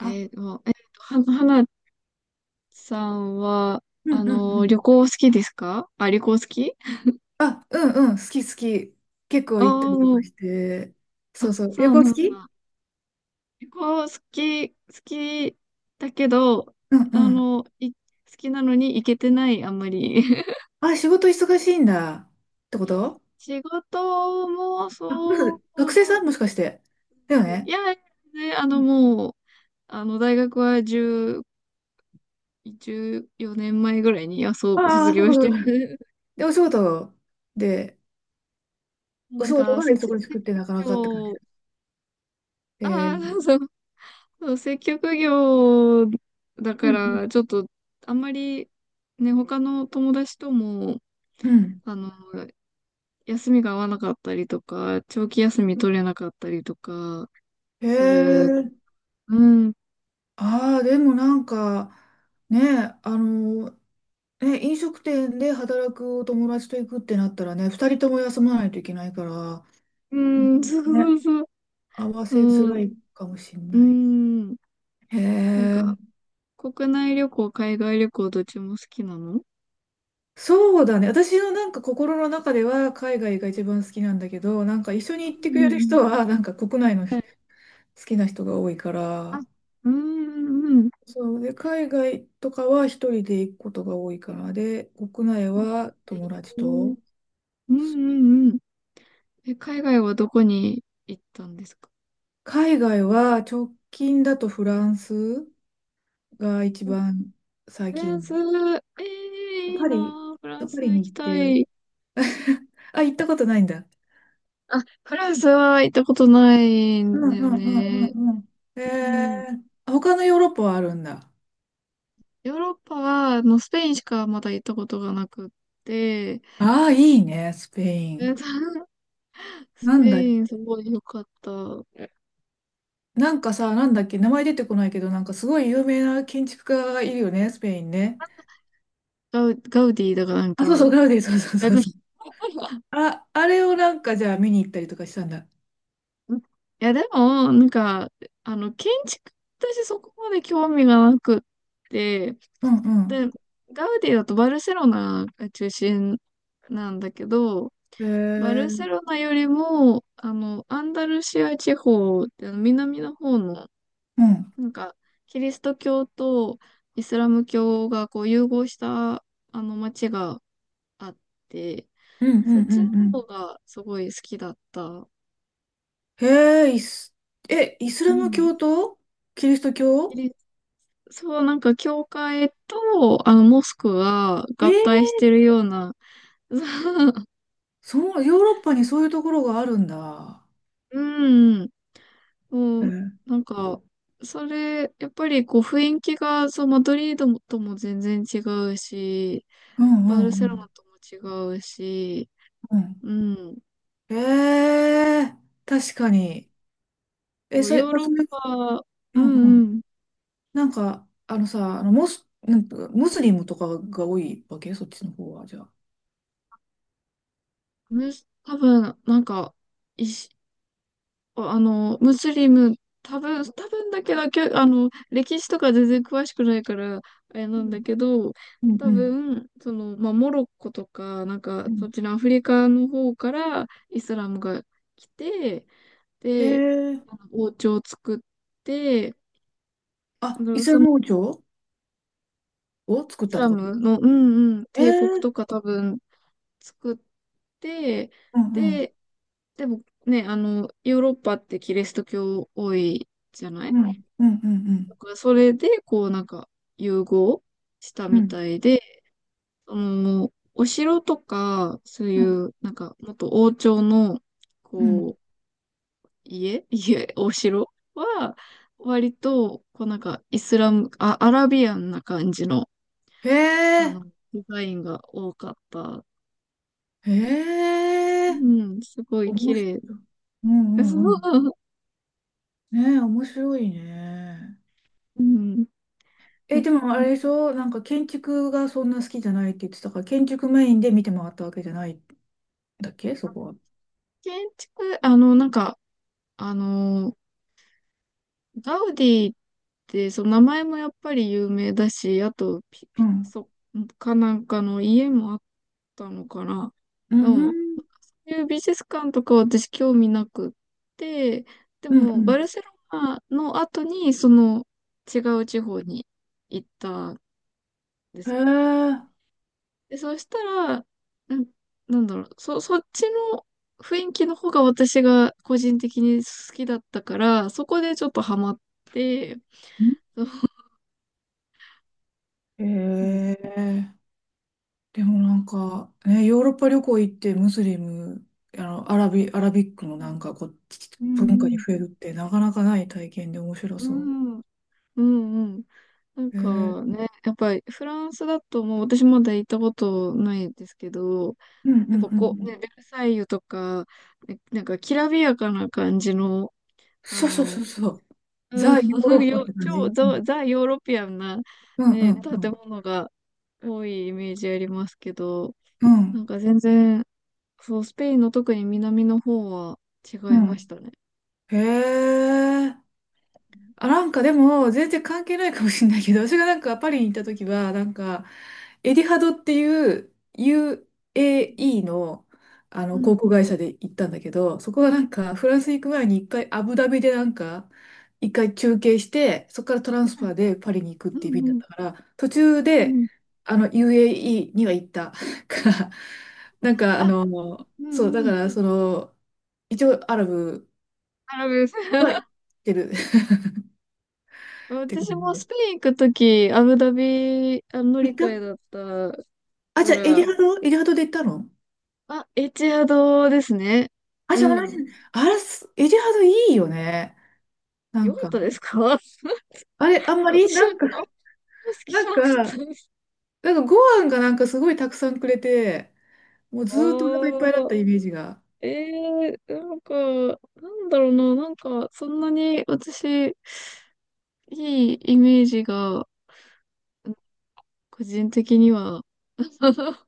えー、もうえーと、は、はなさんは、うんうんうん。旅行好きですか？あ、旅行好き。あ、うんうん、好き好き。結構お行ったりとー。かして。そあ、うそう。そ旅う行な好んき。だ。旅行、好きだけど、うんうん。好きなのに行けてない、あんまり。あ、仕事忙しいんだ。ってこと？仕事もあ、もしかしそう。て学生さん？もしかして、だよいね。や、ね、あうの、ん。もう、あの、大学は10、14年前ぐらいに、あ、そう、あ卒あ、そう業かしそてうか。る。で、お仕事で、おな仕ん事か、が設忙しく立ってなかなかって感業、じ。ああ、そうそう、接客業だうかんら、ちょっと、あんまり、ね、他の友達とも、うん。うん。あの、休みが合わなかったりとか、長期休み取れなかったりとか、へする。え。うん。ああ、でもなんか、ね、え、飲食店で働くお友達と行くってなったらね、二人とも休まないといけないから、ううん、んそうそね。うそう。合わせづうらん。いかもしれうない。ん。へなんえ、か、国内旅行、海外旅行、どっちも好きなの？そうだね。私のなんか心の中では海外が一番好きなんだけど、なんか一緒に行ってうくんれうるん。人はなんか国内の好はい。きな人が多いかあ、ら、うんうんうん。そうで、海外とかは一人で行くことが多いから、で、国内はえ友達ー、うんと、うんうん。え、海外はどこに行ったんですか？海外は直近だとフランスが一番最フラン近。ス、えー、いいパなリ、ー、フラパンスリに行行きったて、い。あ、行ったことないんだ。あ、フランスは行ったことないうんんだうよんうんうね。んうん。うん。えー、他のヨーロッパはあるんだ。ヨーロッパは、あの、スペインしかまだ行ったことがなくって、ああ、いいね、スペイえっン。と スなんペだ、インすごい良かった。なんかさ、なんだっけ、名前出てこないけど、なんかすごい有名な建築家がいるよね、スペインね。ガウディだからなんあ、そうそう、か、ガウディ、そうそうえっそうと そう。あ、あれをなんかじゃあ見に行ったりとかしたんだ。いや、でも、なんか、建築、私そこまで興味がなくって、うんうん。で、ガウディだとバルセロナが中心なんだけど、えバルセー、ロナよりも、あの、アンダルシア地方って南の方の、うん。なんか、キリスト教とイスラム教がこう融合した、あの、街があって、うんうそんっうちのんう方ん。がすごい好きだった。へえ、イスうラムん。教とキリストキ教。リそう、なんか、教会と、あの、モスクがえ合体ー、してるような、そう、ヨーロッパにそういうところがあるんだ。うん、そうう、ん。なんか、それ、やっぱりこう雰囲気が、そう、マドリードもとも全然違うし、うんうバルんうセロナんとも違うし、うん。うん。えー、確かに。え、そう、それ、ヨーまあロそッれ、パ、ううんんううん。ん。なんか、あのさ、あのモス、なんかムスリムとかが多いわけ？そっちの方は、じゃあ。む多分、なんか、一あの、ムスリム、多分だけど、あの、歴史とか全然詳しくないから、あれうなんだんけど、うんう多ん分、その、まあ、モロッコとか、なんか、うそん。っちのアフリカの方からイスラムが来て、へで、え。あの王朝を作って、あ、うイん、スラそのイム王朝を作っスたっラてこと？ムの、うんうん、え帝国え。とか多分作って、うんうん。で、でもね、あの、ヨーロッパってキリスト教多いじゃない？うんうんうんうだん。からそれで、こうなんか融合したうみんたいで、そのもうお城とか、そうういんうなんかもっと王朝の、うん。こう、家、家、お城は、割と、こうなんかイスラム、あ、アラビアンな感じの、へあえ、の、デザインが多かった。へうえ、ん、すごい綺面白麗。い。うんうんうん。ねえ、面白いね。うん。え、でもあれでしょ、なんか建築がそんな好きじゃないって言ってたから、建築メインで見て回ったわけじゃないんだっけ、そこは。建築、あの、なんか、あの、ガウディって、その名前もやっぱり有名だし、あとうピカん。ソかなんかの家もあったのかな。うんでも、うこん。ういう美術館とかは私興味なくって、でうんうも、ん。バルセロナの後に、その違う地方に行ったんですへよ。で、そしたら、なん、なんだろう、そっちの雰囲気の方が私が個人的に好きだったから、そこでちょっとハマって、え。へえ。でもなんか、ね、ヨーロッパ旅行行ってムスリム、アラビックのなんかこう、う文化んうにん。触れるってなかなかない体験で面白うそんうんうん。なんう。へえ。かね、やっぱりフランスだともう私まだ行ったことないですけど、うんうやっんぱうんうこう、ん。ね、ベルサイユとか、ね、なんかきらびやかな感じの、あそうそうその、うそう。うん、ザ・ヨーロ ッパって感超じ。うんザ・ヨーロピアンな、うんうね、んう建ん。物が多いイメージありますけど、うなん。んか全然、そう、スペインの特に南の方は違いましたね。へえ。あ、うなんかでも、全然関係ないかもしれないけど、私がなんかパリに行ったん時は、なんか、エディハドっていう UAE の、あうの航空ん会社で行ったんだけど、そこがなんか、フランス行く前に一回アブダビでなんか、一回休憩して、そこからトランスファーでパリに行くっうていう便んだっうんたから、途中うんうんうんで、うん。あの、UAE には行った から、なんか、ああ、の、うそう、だんうかん。ら、その、一応アラブ。アラブです。はい、行っ てる って感私じもで。スペイン行くとき、アブダビ、あ、乗り換えだったあ、じかゃあ、エリら、ハドエリハドで行ったの？あ、エチアドですね。あ、うじゃあ同じ。ん。あれ、すエリハドいいよね。なよんかっか、たですか？ あれ、あん まり私なはんか、あんま好きなじゃんなかったか、です。なんかご飯がなんかすごいたくさんくれて、もうずーっとお腹いっぱいだっあたあ、イメージが。ええー、なんか、なんだろうな、なんか、そんなに私、いいイメージが、個人的には。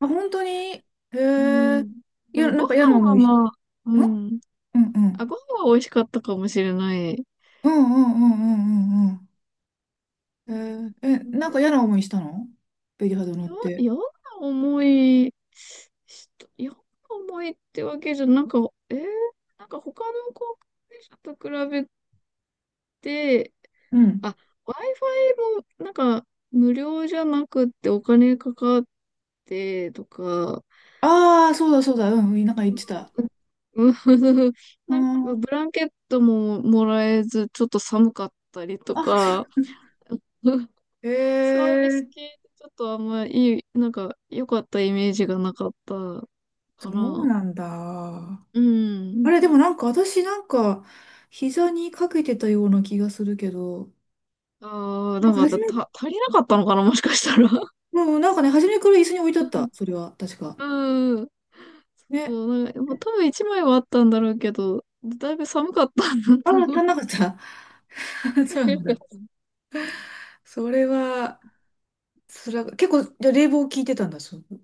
あ、本当に？へうえ。ん。いでや、もなごんか嫌な飯思はいし、まあ、うんうんん。うあ、ん。ご飯は美味しかったかもしれない。うんうんうんうんうんううん。ん。えー、なえ、んだなんろか嫌な思いしたの？エリハドう。乗って。嫌な思いし嫌な思いってわけじゃ、なんか、えー、なんか他の航空会社と比べて、うん。あ、Wi-Fi もなんか無料じゃなくってお金かかってとか、ああ、そうだそうだ。うん、なんか言ってた。うん うなんかん。ブランケットももらえず、ちょっと寒かったりとあ、か、へサービスえ。系ってちょっとあんまいい、なんか良かったイメージがなかったかそうな。なんだ。うあん。れ、でもなんか私なんか、膝にかけてたような気がするけど、ああ、ななんんかか初め、足りなかったのかな、もしかしたら。うん、なんかね、初めから椅子に置いてあった。それは、確か。うん。そね。う、なんか、もう多分一枚はあったんだろうけど、だいぶ寒かったんだあとあ、思う。足んなかった。そ足うなりんなだ。かっそれは、それは、結構、じゃあ冷房効いてたんだ、そう、っ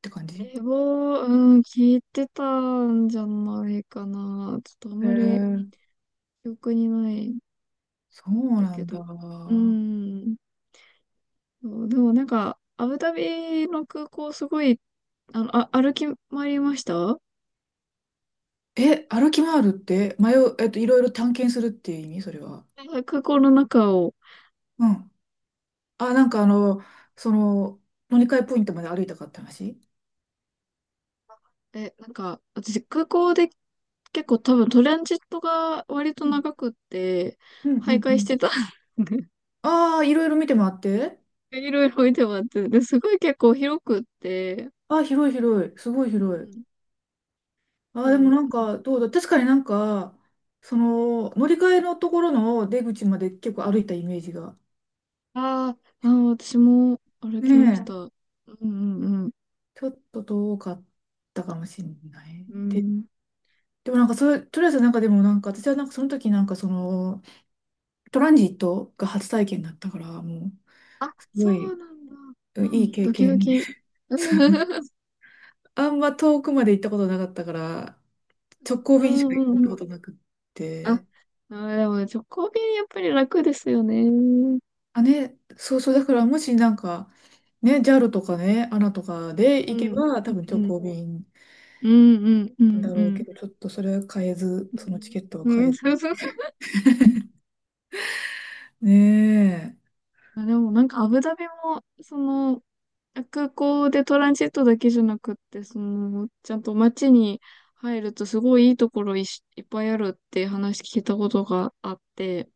て感た。じ？冷房、うん、効いてたんじゃないかな。ちょっとあんへまりえ、記憶にないんそうだなけんど。だ。うん。そうでもなんか、アブダビの空港すごい、あの、あ、歩き回りましたあ。え、歩き回るって、迷う、いろいろ探検するっていう意味？それは。空港の中を。うん。あ、なんかあの、その、乗り換えポイントまで歩いたかって話？え、なんか、私空港で結構多分トランジットが割と長くって、うんう徘んう徊しん。てた。ああ、いろいろ見てもらって。いろいろいてもらって、で、すごい結構広くって、ああ、広い広い。すごいう広い。ん。あうあ、でもん、なんか、どうだ。確かになんか、その、乗り換えのところの出口まで結構歩いたイメージが。あーあー、私も歩ねきました。うえ。んうんうん。ちょっと遠かったかもしれない。うで、ん。でもなんかそれ、とりあえずなんかでもなんか、私はなんかその時なんかその、トランジットが初体験だったから、もう、あ、すごそうい、なんだ。ういいん、経ドキド験。キ。うん。 あんま遠くまで行ったことなかったから、直行う便しんかう行っんたうこん。となくっあ、あて。ー、でもね、直行便やっぱり楽ですよね。あ、ね、そうそう、だからもしなんか、ね、JAL とかね、ANA とかでう行けん。ば、多分う直ん。行便うん。うなんん。だうろうけん。ど、ちょっとそれは買えず、うそのチん。ケットはう買ん。えそうず。そう。ねえ。まあでもなんかアブダビも、その、空港でトランジットだけじゃなくって、その、ちゃんと街に入るとすごいいいところいし、いっぱいあるって話聞いたことがあって、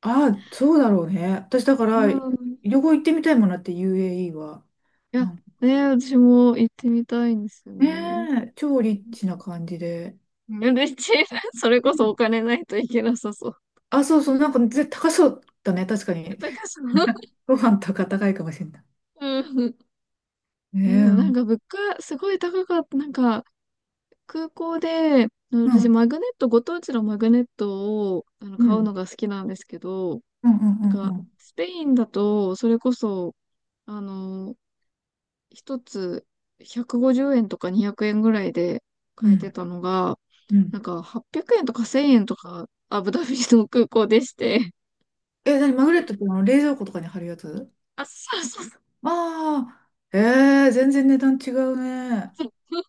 あ、そうだろうね。私だから、うん。い旅行行ってみたいもんなって UAE は。や、なんかね、私も行ってみたいんですよねね。え、超リッチな感じで。うん。で、それうこそおん。金ないといけなさそう。あ、そうそう、なんか絶対高そうだね、確かに。高そう。ご飯とか高いかもしれなうん。い。ねあでもえ。うなんん、か物価すごい高かった。なんか空港で、あのう私、ん、マグネット、ご当地のマグネットをあのう買うのん、が好きなんですけど、うん、うなんか、んスペインだと、それこそ、あの、一つ150円とか200円ぐらいでう買ん、えてたのが、うん。うなんん。か800円とか1000円とか、アブダビの空港でして、え、何？マグネットってあの冷蔵庫とかに貼るやつ？あ、そうそうそう。ああー、えー、全然値段違うね。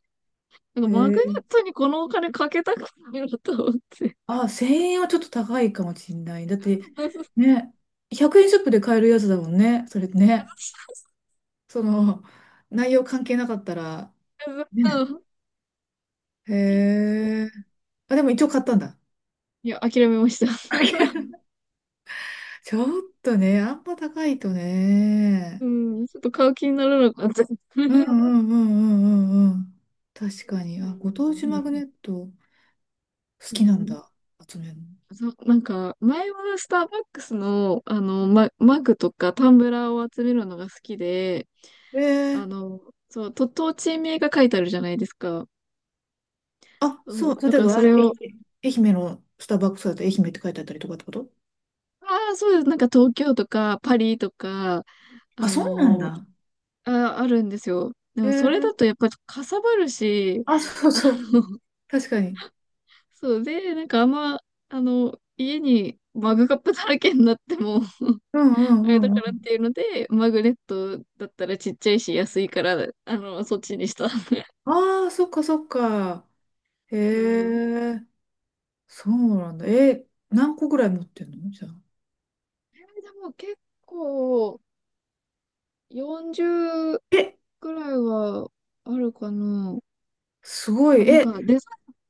なんえかマグネー、ットにこのお金かけたくないなと思って。あ、1000円はちょっと高いかもしんない。だって、ね、100円ショップで買えるやつだもんね。それね。その、内容関係なかったら、ね。そへう。ー。あ、でも一応買ったんだ。いや、諦めました。ちょっとね、あんま高いとうね。ん、ちょっと買う気にならなかった。うんううんうんうんうんうん。確かに。んあ、ご当地うマグんネット好うん、きなんうん。だ。集めるの。そう、なんか、前はスターバックスの、あの、マグとかタンブラーを集めるのが好きで、えあえ。の、そう、と地名が書いてあるじゃないですか。あ、そそう、う、だ例えからば、そ愛れを、媛、愛媛のスターバックスだと愛媛って書いてあったりとかってこと？ああ、そうです。なんか東京とかパリとか、あ、あそうなんの、だ。あ、あるんですよ。でもそれええ。だとやっぱりかさばるし、あ、そうあそう。の、確かに。そうで、なんかあんま、あの、家にマグカップだらけになっても うんうあれんだうかんらうっん。ていうので、マグネットだったらちっちゃいし安いから、あの、そっちにした。ああ、そっかそっか。へうん。え、そうなんだ。え、何個ぐらい持ってんの、じゃあ。えーでも結構40え、くらいはあるかな。すごい。まあ、なんえ、かデザ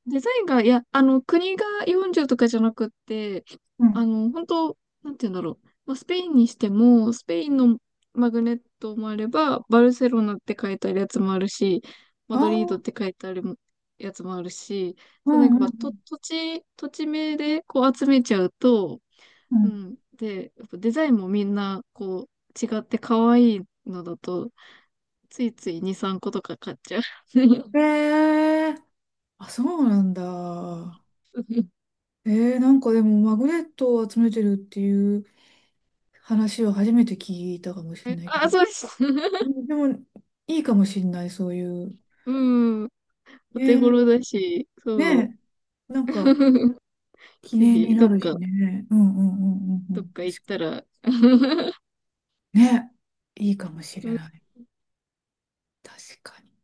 イン、デザインが、いや、あの、国が40とかじゃなくって、うあん。の、本当なんて言うんだろう。まあ、スペインにしても、スペインのマグネットもあれば、バルセロナって書いてあるやつもあるし、マあドあ、リードって書いてあるやつもあるし、うそう、なんかんうんまあ、う土地名でこう集めちゃうと、うん。ん。で、やっぱデザインもみんな、こう、違って可愛いのだと、ついつい2、3個とか買っちゃう。うん。ええ。あ、そうなんだ。なんかでもマグネットを集めてるっていう話を初めて聞いたかもしれえないけあ、ど、うそうです。んでもいいかもしれない、そういう。うん。おね手頃え、だし、そう。ねえ、なんか 記ぜ念ひ、にどなっるしか、ね。うんうんうんうんうどっん。か行確っかたら、に。ねえ、いいかもしうれん。ない。確かに。